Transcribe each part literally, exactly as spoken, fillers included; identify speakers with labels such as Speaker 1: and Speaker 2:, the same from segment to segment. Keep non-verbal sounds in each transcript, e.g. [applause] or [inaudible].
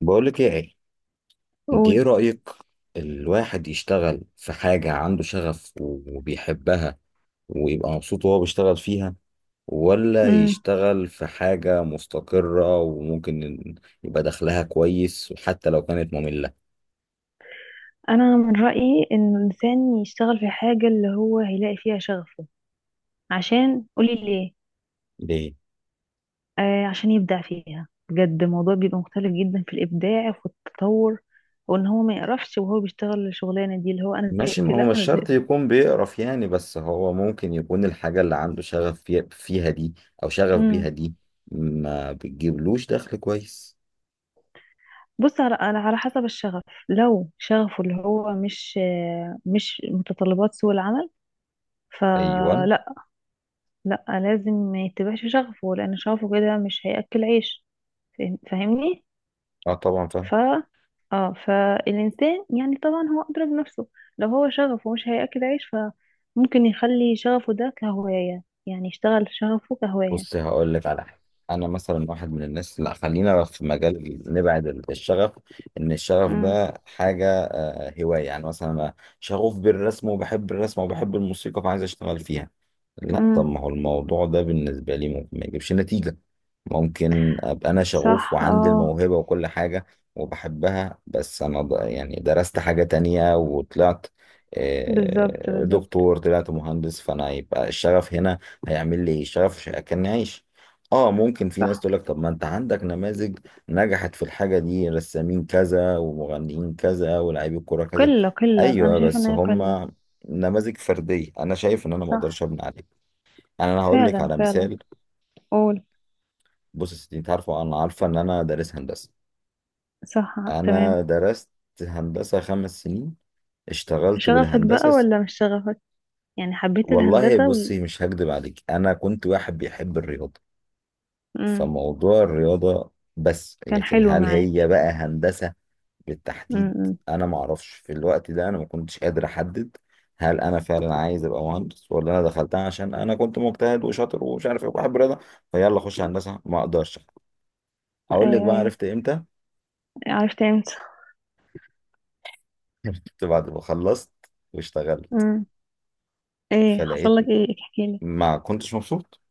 Speaker 1: بقولك ايه يا علي، انت
Speaker 2: قول.
Speaker 1: ايه رأيك؟ الواحد يشتغل في حاجة عنده شغف وبيحبها ويبقى مبسوط وهو بيشتغل فيها، ولا
Speaker 2: امم.
Speaker 1: يشتغل في حاجة مستقرة وممكن إن يبقى دخلها كويس وحتى لو كانت مملة؟
Speaker 2: انا من رايي ان الانسان يشتغل في حاجه اللي هو هيلاقي فيها شغفه. عشان قولي ليه؟
Speaker 1: ليه؟
Speaker 2: آه، عشان يبدع فيها بجد. الموضوع بيبقى مختلف جدا في الابداع وفي التطور، وان هو ما يقرفش وهو بيشتغل الشغلانه دي اللي هو انا
Speaker 1: ماشي،
Speaker 2: زهقت،
Speaker 1: ما هو
Speaker 2: لا
Speaker 1: مش
Speaker 2: انا
Speaker 1: شرط
Speaker 2: زهقت.
Speaker 1: يكون بيقرف يعني، بس هو ممكن يكون الحاجة اللي عنده شغف في- فيها دي أو شغف بيها
Speaker 2: امم.
Speaker 1: دي ما بتجيبلوش دخل كويس.
Speaker 2: بص على على على حسب الشغف. لو شغفه اللي هو مش آه، مش متطلبات سوق العمل،
Speaker 1: أيوة.
Speaker 2: فلا. لا لازم ما يتبعش شغفه لان شغفه كده مش هياكل عيش. فاهم- فاهمني؟
Speaker 1: اه طبعا فاهم.
Speaker 2: ف اه، فالإنسان يعني طبعا هو أدرى بنفسه. لو هو شغفه مش هياكل عيش فممكن يخلي شغفه ده كهواية، يعني يشتغل شغفه كهواية.
Speaker 1: بص هقول لك على حاجه. انا مثلا واحد من الناس، لا خلينا في مجال ال- نبعد ال- الشغف، ان الشغف
Speaker 2: امم.
Speaker 1: ده حاجه هواية. يعني مثلا أنا شغوف بالرسم وبحب الرسم وبحب الموسيقى فعايز أشتغل فيها. لا طب
Speaker 2: امم.
Speaker 1: ما هو الموضوع ده بالنسبة لي ممكن ما يجيبش نتيجة. ممكن أبقى أنا شغوف
Speaker 2: صح.
Speaker 1: وعندي
Speaker 2: اه.
Speaker 1: الموهبة وكل حاجة وبحبها، بس أنا ض- يعني درست حاجة تانية وطلعت
Speaker 2: بالظبط
Speaker 1: آه،
Speaker 2: بالظبط.
Speaker 1: دكتور، طلعت مهندس، فأنا يبقى الشغف هنا هيعمل لي إيه؟ الشغف مش هياكلني عيش. اه ممكن في ناس
Speaker 2: صح.
Speaker 1: تقول لك طب ما انت عندك نماذج نجحت في الحاجة دي، رسامين كذا ومغنيين كذا ولاعيبي كورة كذا.
Speaker 2: قلة قلة، أنا
Speaker 1: أيوة
Speaker 2: شايفة إن
Speaker 1: بس
Speaker 2: هي قلة.
Speaker 1: هما نماذج فردية، أنا شايف إن أنا
Speaker 2: صح.
Speaker 1: مقدرش أبني عليه. يعني أنا هقول لك
Speaker 2: فعلا
Speaker 1: على
Speaker 2: فعلا.
Speaker 1: مثال.
Speaker 2: قول.
Speaker 1: بص يا ستي، أنت عارفة أنا عارفة إن أنا دارس هندسة.
Speaker 2: صح.
Speaker 1: أنا
Speaker 2: تمام.
Speaker 1: درست هندسة خمس سنين، اشتغلت
Speaker 2: شغفك بقى
Speaker 1: بالهندسة س-
Speaker 2: ولا مش شغفك؟ يعني حبيت
Speaker 1: والله
Speaker 2: الهندسة و...
Speaker 1: بصي مش هكدب عليك، أنا كنت واحد بيحب الرياضة
Speaker 2: امم.
Speaker 1: فموضوع الرياضة بس،
Speaker 2: كان
Speaker 1: لكن
Speaker 2: حلو
Speaker 1: هل هي
Speaker 2: معاك.
Speaker 1: بقى هندسة بالتحديد؟
Speaker 2: امم.
Speaker 1: انا ما اعرفش في الوقت ده، انا ما كنتش قادر احدد هل انا فعلا عايز ابقى مهندس ولا انا دخلتها عشان انا كنت مجتهد وشاطر ومش عارف ايه وبحب الرياضه، فيلا اخش هندسه ما اقدرش. اقول لك
Speaker 2: أيوه
Speaker 1: بقى
Speaker 2: أيوه.
Speaker 1: عرفت امتى؟
Speaker 2: عرفت امتى؟
Speaker 1: [laughs] عرفت بعد ما خلصت واشتغلت،
Speaker 2: امم. ايه حصل
Speaker 1: فلقيت
Speaker 2: لك؟ ايه؟ احكي.
Speaker 1: ما كنتش مبسوط.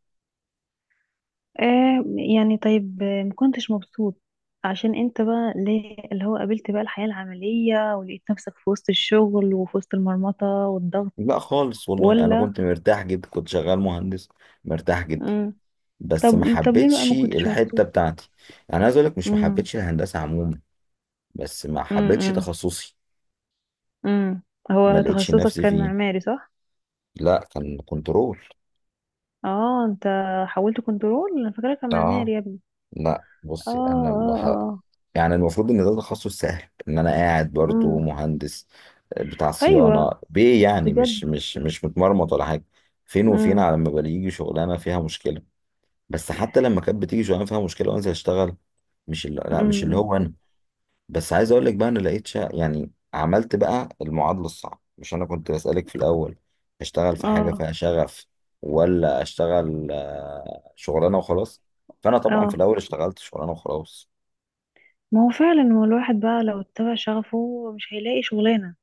Speaker 2: آه. يعني طيب، آه، مكنتش مبسوط؟ عشان انت بقى ليه، اللي هو قابلت بقى الحياة العملية ولقيت نفسك في وسط الشغل وفي وسط المرمطة والضغط؟
Speaker 1: لا خالص والله انا
Speaker 2: ولا؟
Speaker 1: كنت مرتاح جدا، كنت شغال مهندس مرتاح جدا،
Speaker 2: امم. طب،
Speaker 1: بس ما
Speaker 2: طب ليه بقى
Speaker 1: حبيتش
Speaker 2: ما كنتش
Speaker 1: الحته
Speaker 2: مبسوط؟
Speaker 1: بتاعتي. انا عايز اقول لك مش ما
Speaker 2: امم.
Speaker 1: حبيتش الهندسه عموما، بس ما حبيتش
Speaker 2: امم.
Speaker 1: تخصصي،
Speaker 2: امم.
Speaker 1: ما
Speaker 2: هو
Speaker 1: لقيتش
Speaker 2: تخصصك
Speaker 1: نفسي
Speaker 2: كان
Speaker 1: فيه.
Speaker 2: معماري صح؟
Speaker 1: لا كان كنترول.
Speaker 2: اه، انت حولت كنترول؟ انا فاكرك كان
Speaker 1: اه.
Speaker 2: معماري يا ابني.
Speaker 1: لا
Speaker 2: اه
Speaker 1: بصي انا
Speaker 2: اه
Speaker 1: بح...
Speaker 2: اه.
Speaker 1: يعني المفروض ان ده تخصص سهل، ان انا قاعد برضو
Speaker 2: امم.
Speaker 1: مهندس آه، بتاع صيانه
Speaker 2: ايوه.
Speaker 1: بيه، يعني
Speaker 2: بجد.
Speaker 1: مش مش مش متمرمط ولا حاجه، فين وفين
Speaker 2: امم.
Speaker 1: على ما بيجي شغلانه فيها مشكله. بس حتى لما كانت بتيجي شغلانه فيها مشكله وانزل اشتغل، مش اللي... لا مش اللي
Speaker 2: امم.
Speaker 1: هو انا. بس عايز اقول لك بقى انا لقيت شا... يعني عملت بقى المعادله الصعبه. مش انا كنت بسالك في الاول اشتغل في حاجه
Speaker 2: اه
Speaker 1: فيها شغف ولا اشتغل آه، شغلانه وخلاص؟ فانا طبعا في
Speaker 2: اه،
Speaker 1: الاول اشتغلت شغلانه وخلاص.
Speaker 2: ما هو فعلا هو الواحد بقى لو اتبع شغفه مش هيلاقي شغلانة،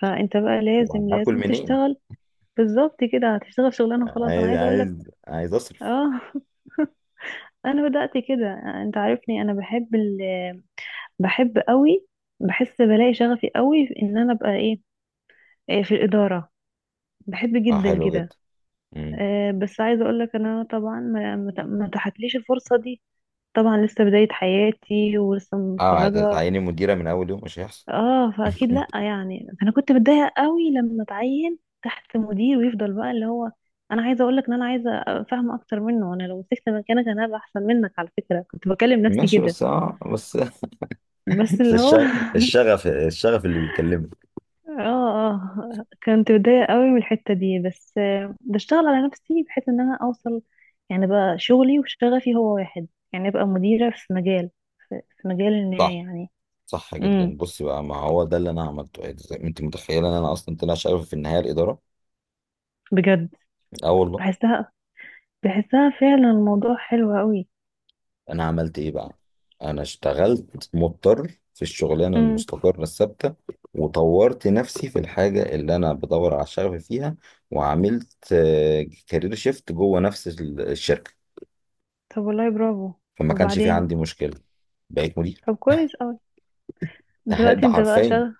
Speaker 2: فانت بقى لازم
Speaker 1: وهاكل
Speaker 2: لازم
Speaker 1: منين؟
Speaker 2: تشتغل. بالظبط كده، هتشتغل شغلانة خلاص. انا
Speaker 1: عايز
Speaker 2: عايزة اقول لك،
Speaker 1: عايز عايز اصرف.
Speaker 2: اه [laughs] انا بدأت كده. انت عارفني انا بحب ال... بحب قوي. بحس بلاقي شغفي قوي في ان انا ابقى ايه؟ إيه في الإدارة. بحب
Speaker 1: اه
Speaker 2: جدا
Speaker 1: حلو
Speaker 2: كده.
Speaker 1: جدا. امم.
Speaker 2: آه، بس عايزة اقول لك انا طبعا ما ما ت- ما اتاحتليش الفرصة دي. طبعا لسه بداية حياتي ولسه
Speaker 1: اه
Speaker 2: متخرجة.
Speaker 1: هتعيني مديره من اول يوم؟ مش هيحصل.
Speaker 2: اه فاكيد
Speaker 1: مم.
Speaker 2: لا، يعني انا كنت متضايقه قوي لما اتعين تحت مدير ويفضل بقى اللي هو. انا عايزه اقول لك ان انا عايزه افهم اكتر منه. انا لو مسكت مكانك انا هبقى احسن منك، على فكره، كنت بكلم نفسي
Speaker 1: ماشي
Speaker 2: كده.
Speaker 1: بس اه بس [laughs]
Speaker 2: بس
Speaker 1: بس
Speaker 2: اللي
Speaker 1: الش-
Speaker 2: هو [laughs]
Speaker 1: الشغف الشغف اللي بيكلمني.
Speaker 2: اه اه، كنت متضايقه قوي من الحته دي، بس آه، بشتغل على نفسي بحيث ان انا اوصل، يعني بقى شغلي وشغفي هو واحد. يعني ابقى مديره في مجال، في مجال ما
Speaker 1: صح.
Speaker 2: يعني.
Speaker 1: صح
Speaker 2: امم.
Speaker 1: جدا، بص بقى ما هو ده اللي انا عملته. إيه زي ما انت متخيله ان انا اصلا طلع شغال في النهايه الاداره.
Speaker 2: بجد.
Speaker 1: اه والله.
Speaker 2: بحسها، بحسها فعلا الموضوع حلو
Speaker 1: انا عملت ايه بقى؟ انا اشتغلت مضطر في الشغلانه
Speaker 2: قوي.
Speaker 1: المستقره الثابته، وطورت نفسي في الحاجه اللي انا بدور على الشغف فيها، وعملت كارير شيفت جوه نفس ال- الشركه،
Speaker 2: طب والله برافو.
Speaker 1: فما كانش في
Speaker 2: وبعدين؟
Speaker 1: عندي مشكله. بقيت مدير.
Speaker 2: طب كويس قوي.
Speaker 1: ده
Speaker 2: دلوقتي
Speaker 1: ده
Speaker 2: انت بقى
Speaker 1: حرفيا،
Speaker 2: شغل؟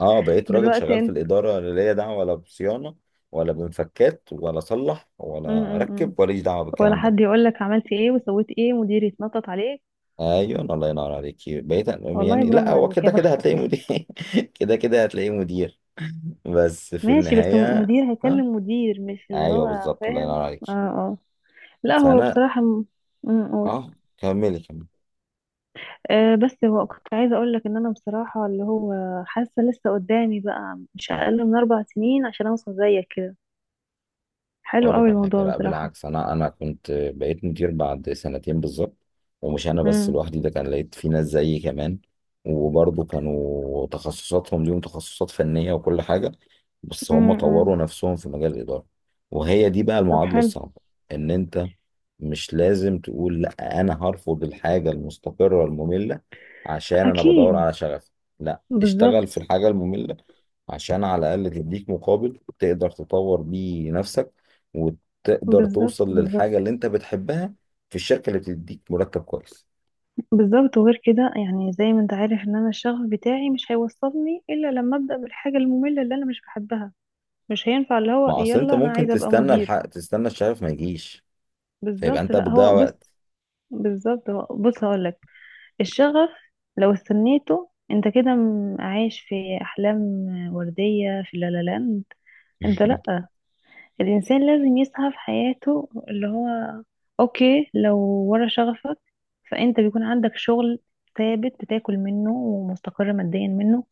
Speaker 1: اه بقيت راجل
Speaker 2: دلوقتي
Speaker 1: شغال في
Speaker 2: انت.
Speaker 1: الاداره، اللي ليا دعوه ولا بصيانه ولا بمفكات ولا صلح
Speaker 2: م
Speaker 1: ولا
Speaker 2: -م -م.
Speaker 1: ركب ولا دعوه
Speaker 2: ولا
Speaker 1: بالكلام ده.
Speaker 2: حد يقول لك عملت ايه وسويت ايه، مدير يتنطط عليك.
Speaker 1: ايوه الله ينور عليك، بقيت.
Speaker 2: والله
Speaker 1: يعني لا
Speaker 2: برافو
Speaker 1: هو
Speaker 2: عليك، يا
Speaker 1: كده كده هتلاقي
Speaker 2: بختك.
Speaker 1: مدير. [laughs] كده كده هتلاقي مدير بس في
Speaker 2: ماشي، بس م-
Speaker 1: النهايه.
Speaker 2: مدير
Speaker 1: اه.
Speaker 2: هيكلم مدير، مش اللي
Speaker 1: ايوه
Speaker 2: هو
Speaker 1: بالظبط الله
Speaker 2: فاهم.
Speaker 1: ينور عليك.
Speaker 2: اه اه. لا هو
Speaker 1: فانا
Speaker 2: بصراحة م- م- قول.
Speaker 1: اه. كملي كملي.
Speaker 2: آه بس هو، كنت عايزة اقول لك ان انا بصراحة اللي هو حاسة لسه قدامي بقى مش اقل من اربع سنين عشان اوصل زيك كده. حلو
Speaker 1: اقول
Speaker 2: قوي
Speaker 1: لك على حاجه،
Speaker 2: الموضوع
Speaker 1: لا
Speaker 2: بصراحة.
Speaker 1: بالعكس انا انا كنت بقيت مدير بعد سنتين بالظبط، ومش انا بس
Speaker 2: م
Speaker 1: لوحدي، ده كان لقيت في ناس زيي كمان، وبرضه كانوا تخصصاتهم ليهم تخصصات فنيه وكل حاجه، بس هم
Speaker 2: -م -م.
Speaker 1: طوروا نفسهم في مجال الاداره. وهي دي بقى
Speaker 2: طب
Speaker 1: المعادله
Speaker 2: حلو.
Speaker 1: الصعبه، ان انت مش لازم تقول لا انا هرفض الحاجه المستقره الممله عشان انا بدور
Speaker 2: اكيد.
Speaker 1: على شغف. لا اشتغل
Speaker 2: بالظبط
Speaker 1: في الحاجه الممله عشان على الأقل تديك مقابل تقدر تطور بيه نفسك، وتقدر
Speaker 2: بالظبط.
Speaker 1: توصل
Speaker 2: بالظبط
Speaker 1: للحاجة اللي أنت بتحبها في الشركة اللي بتديك مرتب كويس.
Speaker 2: بالظبط وغير كده، يعني زي ما انت عارف ان انا الشغف بتاعي مش هيوصلني الا لما ابدا بالحاجه الممله اللي انا مش بحبها. مش هينفع اللي هو
Speaker 1: ما أصل أنت
Speaker 2: يلا انا
Speaker 1: ممكن
Speaker 2: عايزه ابقى
Speaker 1: تستنى
Speaker 2: مدير.
Speaker 1: الحق، تستنى الشغف ما يجيش، فيبقى
Speaker 2: بالظبط.
Speaker 1: أنت
Speaker 2: لا
Speaker 1: بتضيع
Speaker 2: هو بص.
Speaker 1: وقت.
Speaker 2: بالظبط هو بص هقول لك. الشغف، لو استنيته انت كده م- عايش في احلام ورديه في لا لا لاند. انت
Speaker 1: [laughs]
Speaker 2: لا. الانسان لازم يسعى في حياته، اللي هو، اوكي، لو ورا شغفك فانت بيكون عندك شغل ثابت بتاكل منه ومستقر ماديا منه.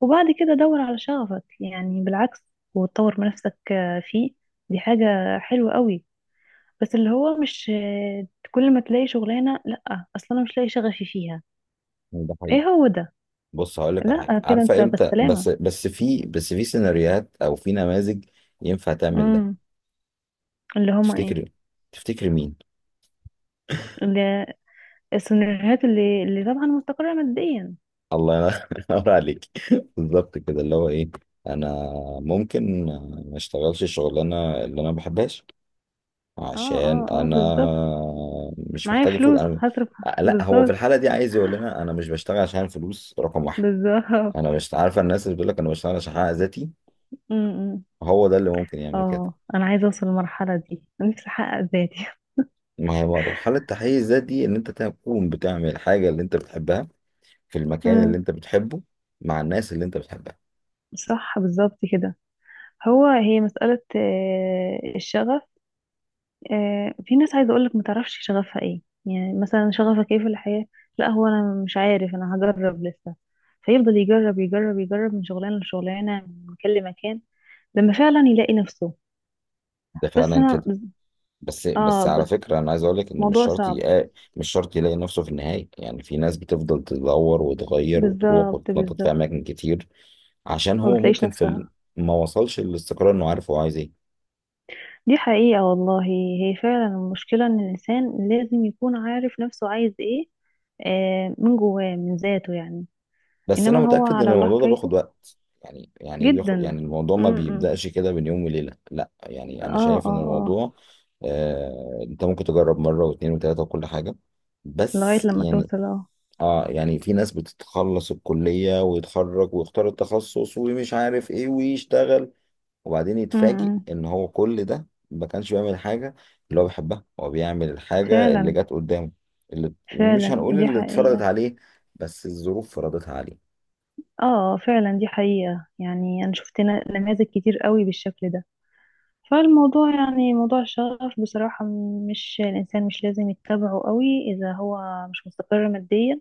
Speaker 2: وبعد كده دور على شغفك، يعني بالعكس. وتطور من نفسك آه، فيه. دي حاجة حلوة قوي. بس اللي هو مش آه، كل ما تلاقي شغلانة لا اصلا انا مش لاقي شغفي فيها.
Speaker 1: ده حقيقي.
Speaker 2: ايه هو ده.
Speaker 1: بص هقول لك على حاجة،
Speaker 2: لا كده انت
Speaker 1: عارفة إمتى بس
Speaker 2: بالسلامة.
Speaker 1: بس في بس في سيناريوهات أو في نماذج ينفع تعمل ده؟
Speaker 2: امم. اللي هما ايه؟
Speaker 1: تفتكر تفتكر مين؟
Speaker 2: اللي السيناريوهات اللي اللي طبعا مستقرة ماديا.
Speaker 1: الله ينور [laughs] عليك. بالظبط كده، اللي هو ايه، انا ممكن ما اشتغلش الشغلانه اللي انا ما بحبهاش
Speaker 2: اه
Speaker 1: عشان
Speaker 2: اه اه.
Speaker 1: انا
Speaker 2: بالظبط.
Speaker 1: مش
Speaker 2: معايا
Speaker 1: محتاج فلوس
Speaker 2: فلوس
Speaker 1: انا.
Speaker 2: هصرف.
Speaker 1: لا هو في
Speaker 2: بالظبط
Speaker 1: الحاله دي عايز يقول لنا انا مش بشتغل عشان فلوس رقم واحد.
Speaker 2: بالظبط.
Speaker 1: انا مش عارفه، الناس اللي بتقول لك انا بشتغل عشان احقق ذاتي،
Speaker 2: امم.
Speaker 1: هو ده اللي ممكن يعمل كده.
Speaker 2: اه، انا عايزه اوصل للمرحله دي، نفسي احقق ذاتي [laughs]
Speaker 1: ما هي مرحله تحقيق الذات دي ان انت تكون بتعمل الحاجه اللي انت بتحبها، في المكان اللي
Speaker 2: امم.
Speaker 1: انت بتحبه، مع الناس اللي انت بتحبها.
Speaker 2: صح بالظبط كده. هو هي مساله آه، الشغف. آه، في ناس، عايزه اقول لك، ما تعرفش شغفها ايه، يعني مثلا شغفك ايه في الحياه؟ لا هو انا مش عارف، انا هجرب لسه. فيفضل يجرب يجرب يجرب من شغلانه لشغلانه، من مكان لمكان، لما فعلا يلاقي نفسه.
Speaker 1: ده
Speaker 2: بس
Speaker 1: فعلا
Speaker 2: انا
Speaker 1: كده. بس
Speaker 2: اه
Speaker 1: بس على
Speaker 2: بس
Speaker 1: فكرة أنا عايز أقول لك إن مش
Speaker 2: موضوع
Speaker 1: شرط
Speaker 2: صعب.
Speaker 1: يلاقي. مش شرط يلاقي نفسه في النهاية، يعني في ناس بتفضل تدور وتغير وتروح
Speaker 2: بالظبط
Speaker 1: وتتنطط في
Speaker 2: بالظبط.
Speaker 1: أماكن كتير، عشان
Speaker 2: ما
Speaker 1: هو
Speaker 2: بتلاقيش
Speaker 1: ممكن في ال...
Speaker 2: نفسها.
Speaker 1: ما وصلش للاستقرار إنه عارف هو عايز إيه.
Speaker 2: دي حقيقة والله، هي فعلا المشكلة ان الانسان لازم يكون عارف نفسه عايز ايه، آه، من جواه من ذاته يعني.
Speaker 1: بس أنا
Speaker 2: انما هو
Speaker 1: متأكد إن
Speaker 2: على الله
Speaker 1: الموضوع ده بياخد
Speaker 2: حكايته.
Speaker 1: وقت. يعني يعني إيه بياخد،
Speaker 2: جدا.
Speaker 1: يعني الموضوع ما
Speaker 2: م-م.
Speaker 1: بيبدأش كده بين يوم وليلة، لا يعني
Speaker 2: اه
Speaker 1: أنا
Speaker 2: اه
Speaker 1: شايف إن
Speaker 2: اه.
Speaker 1: الموضوع آه... أنت ممكن تجرب مرة واتنين وتلاتة وكل حاجة،
Speaker 2: لغاية
Speaker 1: بس
Speaker 2: لما
Speaker 1: يعني.
Speaker 2: توصل، اه.
Speaker 1: اه يعني في ناس بتتخلص الكلية ويتخرج ويختار التخصص ومش عارف ايه ويشتغل، وبعدين يتفاجئ
Speaker 2: م-م.
Speaker 1: ان هو كل ده ما كانش بيعمل حاجة اللي هو بيحبها، هو بيعمل الحاجة اللي
Speaker 2: فعلا.
Speaker 1: جت قدامه، اللي مش
Speaker 2: فعلا
Speaker 1: هنقول
Speaker 2: دي
Speaker 1: اللي اتفرضت
Speaker 2: حقيقة.
Speaker 1: عليه، بس الظروف فرضتها عليه.
Speaker 2: اه. آه، فعلا دي حقيقة، يعني انا شفت نا- نماذج كتير قوي بالشكل ده. فالموضوع، يعني موضوع الشغف بصراحة، مش الانسان مش لازم يتبعه قوي اذا هو مش مستقر ماديا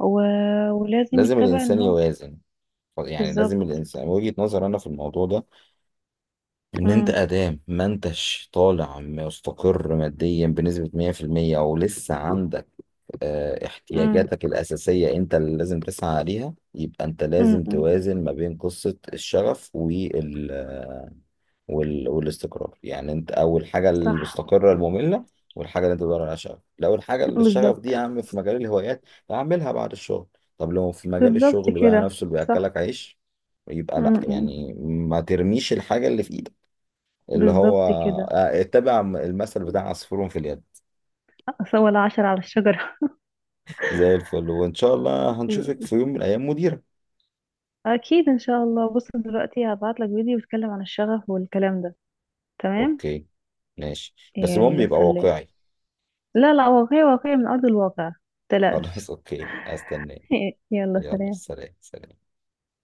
Speaker 2: و... ولازم
Speaker 1: لازم
Speaker 2: يتبع ان
Speaker 1: الانسان
Speaker 2: هو.
Speaker 1: يوازن، يعني لازم
Speaker 2: بالظبط.
Speaker 1: الانسان، وجهة نظر انا في الموضوع ده، ان انت
Speaker 2: امم.
Speaker 1: ادام ما انتش طالع مستقر ماديا بنسبة مية في المية او لسه عندك آه،
Speaker 2: امم.
Speaker 1: احتياجاتك الأساسية أنت اللي لازم تسعى عليها، يبقى أنت لازم
Speaker 2: امم.
Speaker 1: توازن ما بين قصة الشغف وال... آه، وال... والاستقرار. يعني أنت أول حاجة
Speaker 2: صح.
Speaker 1: المستقرة المملة، والحاجة اللي أنت بتدور عليها شغف، لو الحاجة اللي الشغف دي يا
Speaker 2: بالظبط.
Speaker 1: عم في مجال الهوايات أعملها بعد الشغل. طب لو في مجال
Speaker 2: بالظبط
Speaker 1: الشغل بقى
Speaker 2: كده
Speaker 1: نفسه اللي
Speaker 2: صح.
Speaker 1: بيأكلك عيش، يبقى لأ،
Speaker 2: امم.
Speaker 1: يعني ما ترميش الحاجة اللي في إيدك اللي هو
Speaker 2: بالظبط كده
Speaker 1: آه، اتبع المثل بتاع عصفور في اليد.
Speaker 2: أصل، ولا عشرة على الشجرة.
Speaker 1: زي الفل، وإن شاء الله هنشوفك في يوم من الأيام مدير.
Speaker 2: [laughs] اكيد ان شاء الله. بص دلوقتي هبعت لك فيديو بيتكلم عن الشغف والكلام ده. تمام.
Speaker 1: اوكي. ماشي بس المهم
Speaker 2: يلا
Speaker 1: يبقى
Speaker 2: سلام.
Speaker 1: واقعي.
Speaker 2: لا لا، واقعي، واقعي من ارض الواقع،
Speaker 1: خلاص
Speaker 2: متقلقش.
Speaker 1: اوكي هستناه.
Speaker 2: [laughs] يلا
Speaker 1: يلا
Speaker 2: سلام.
Speaker 1: سلام سلام.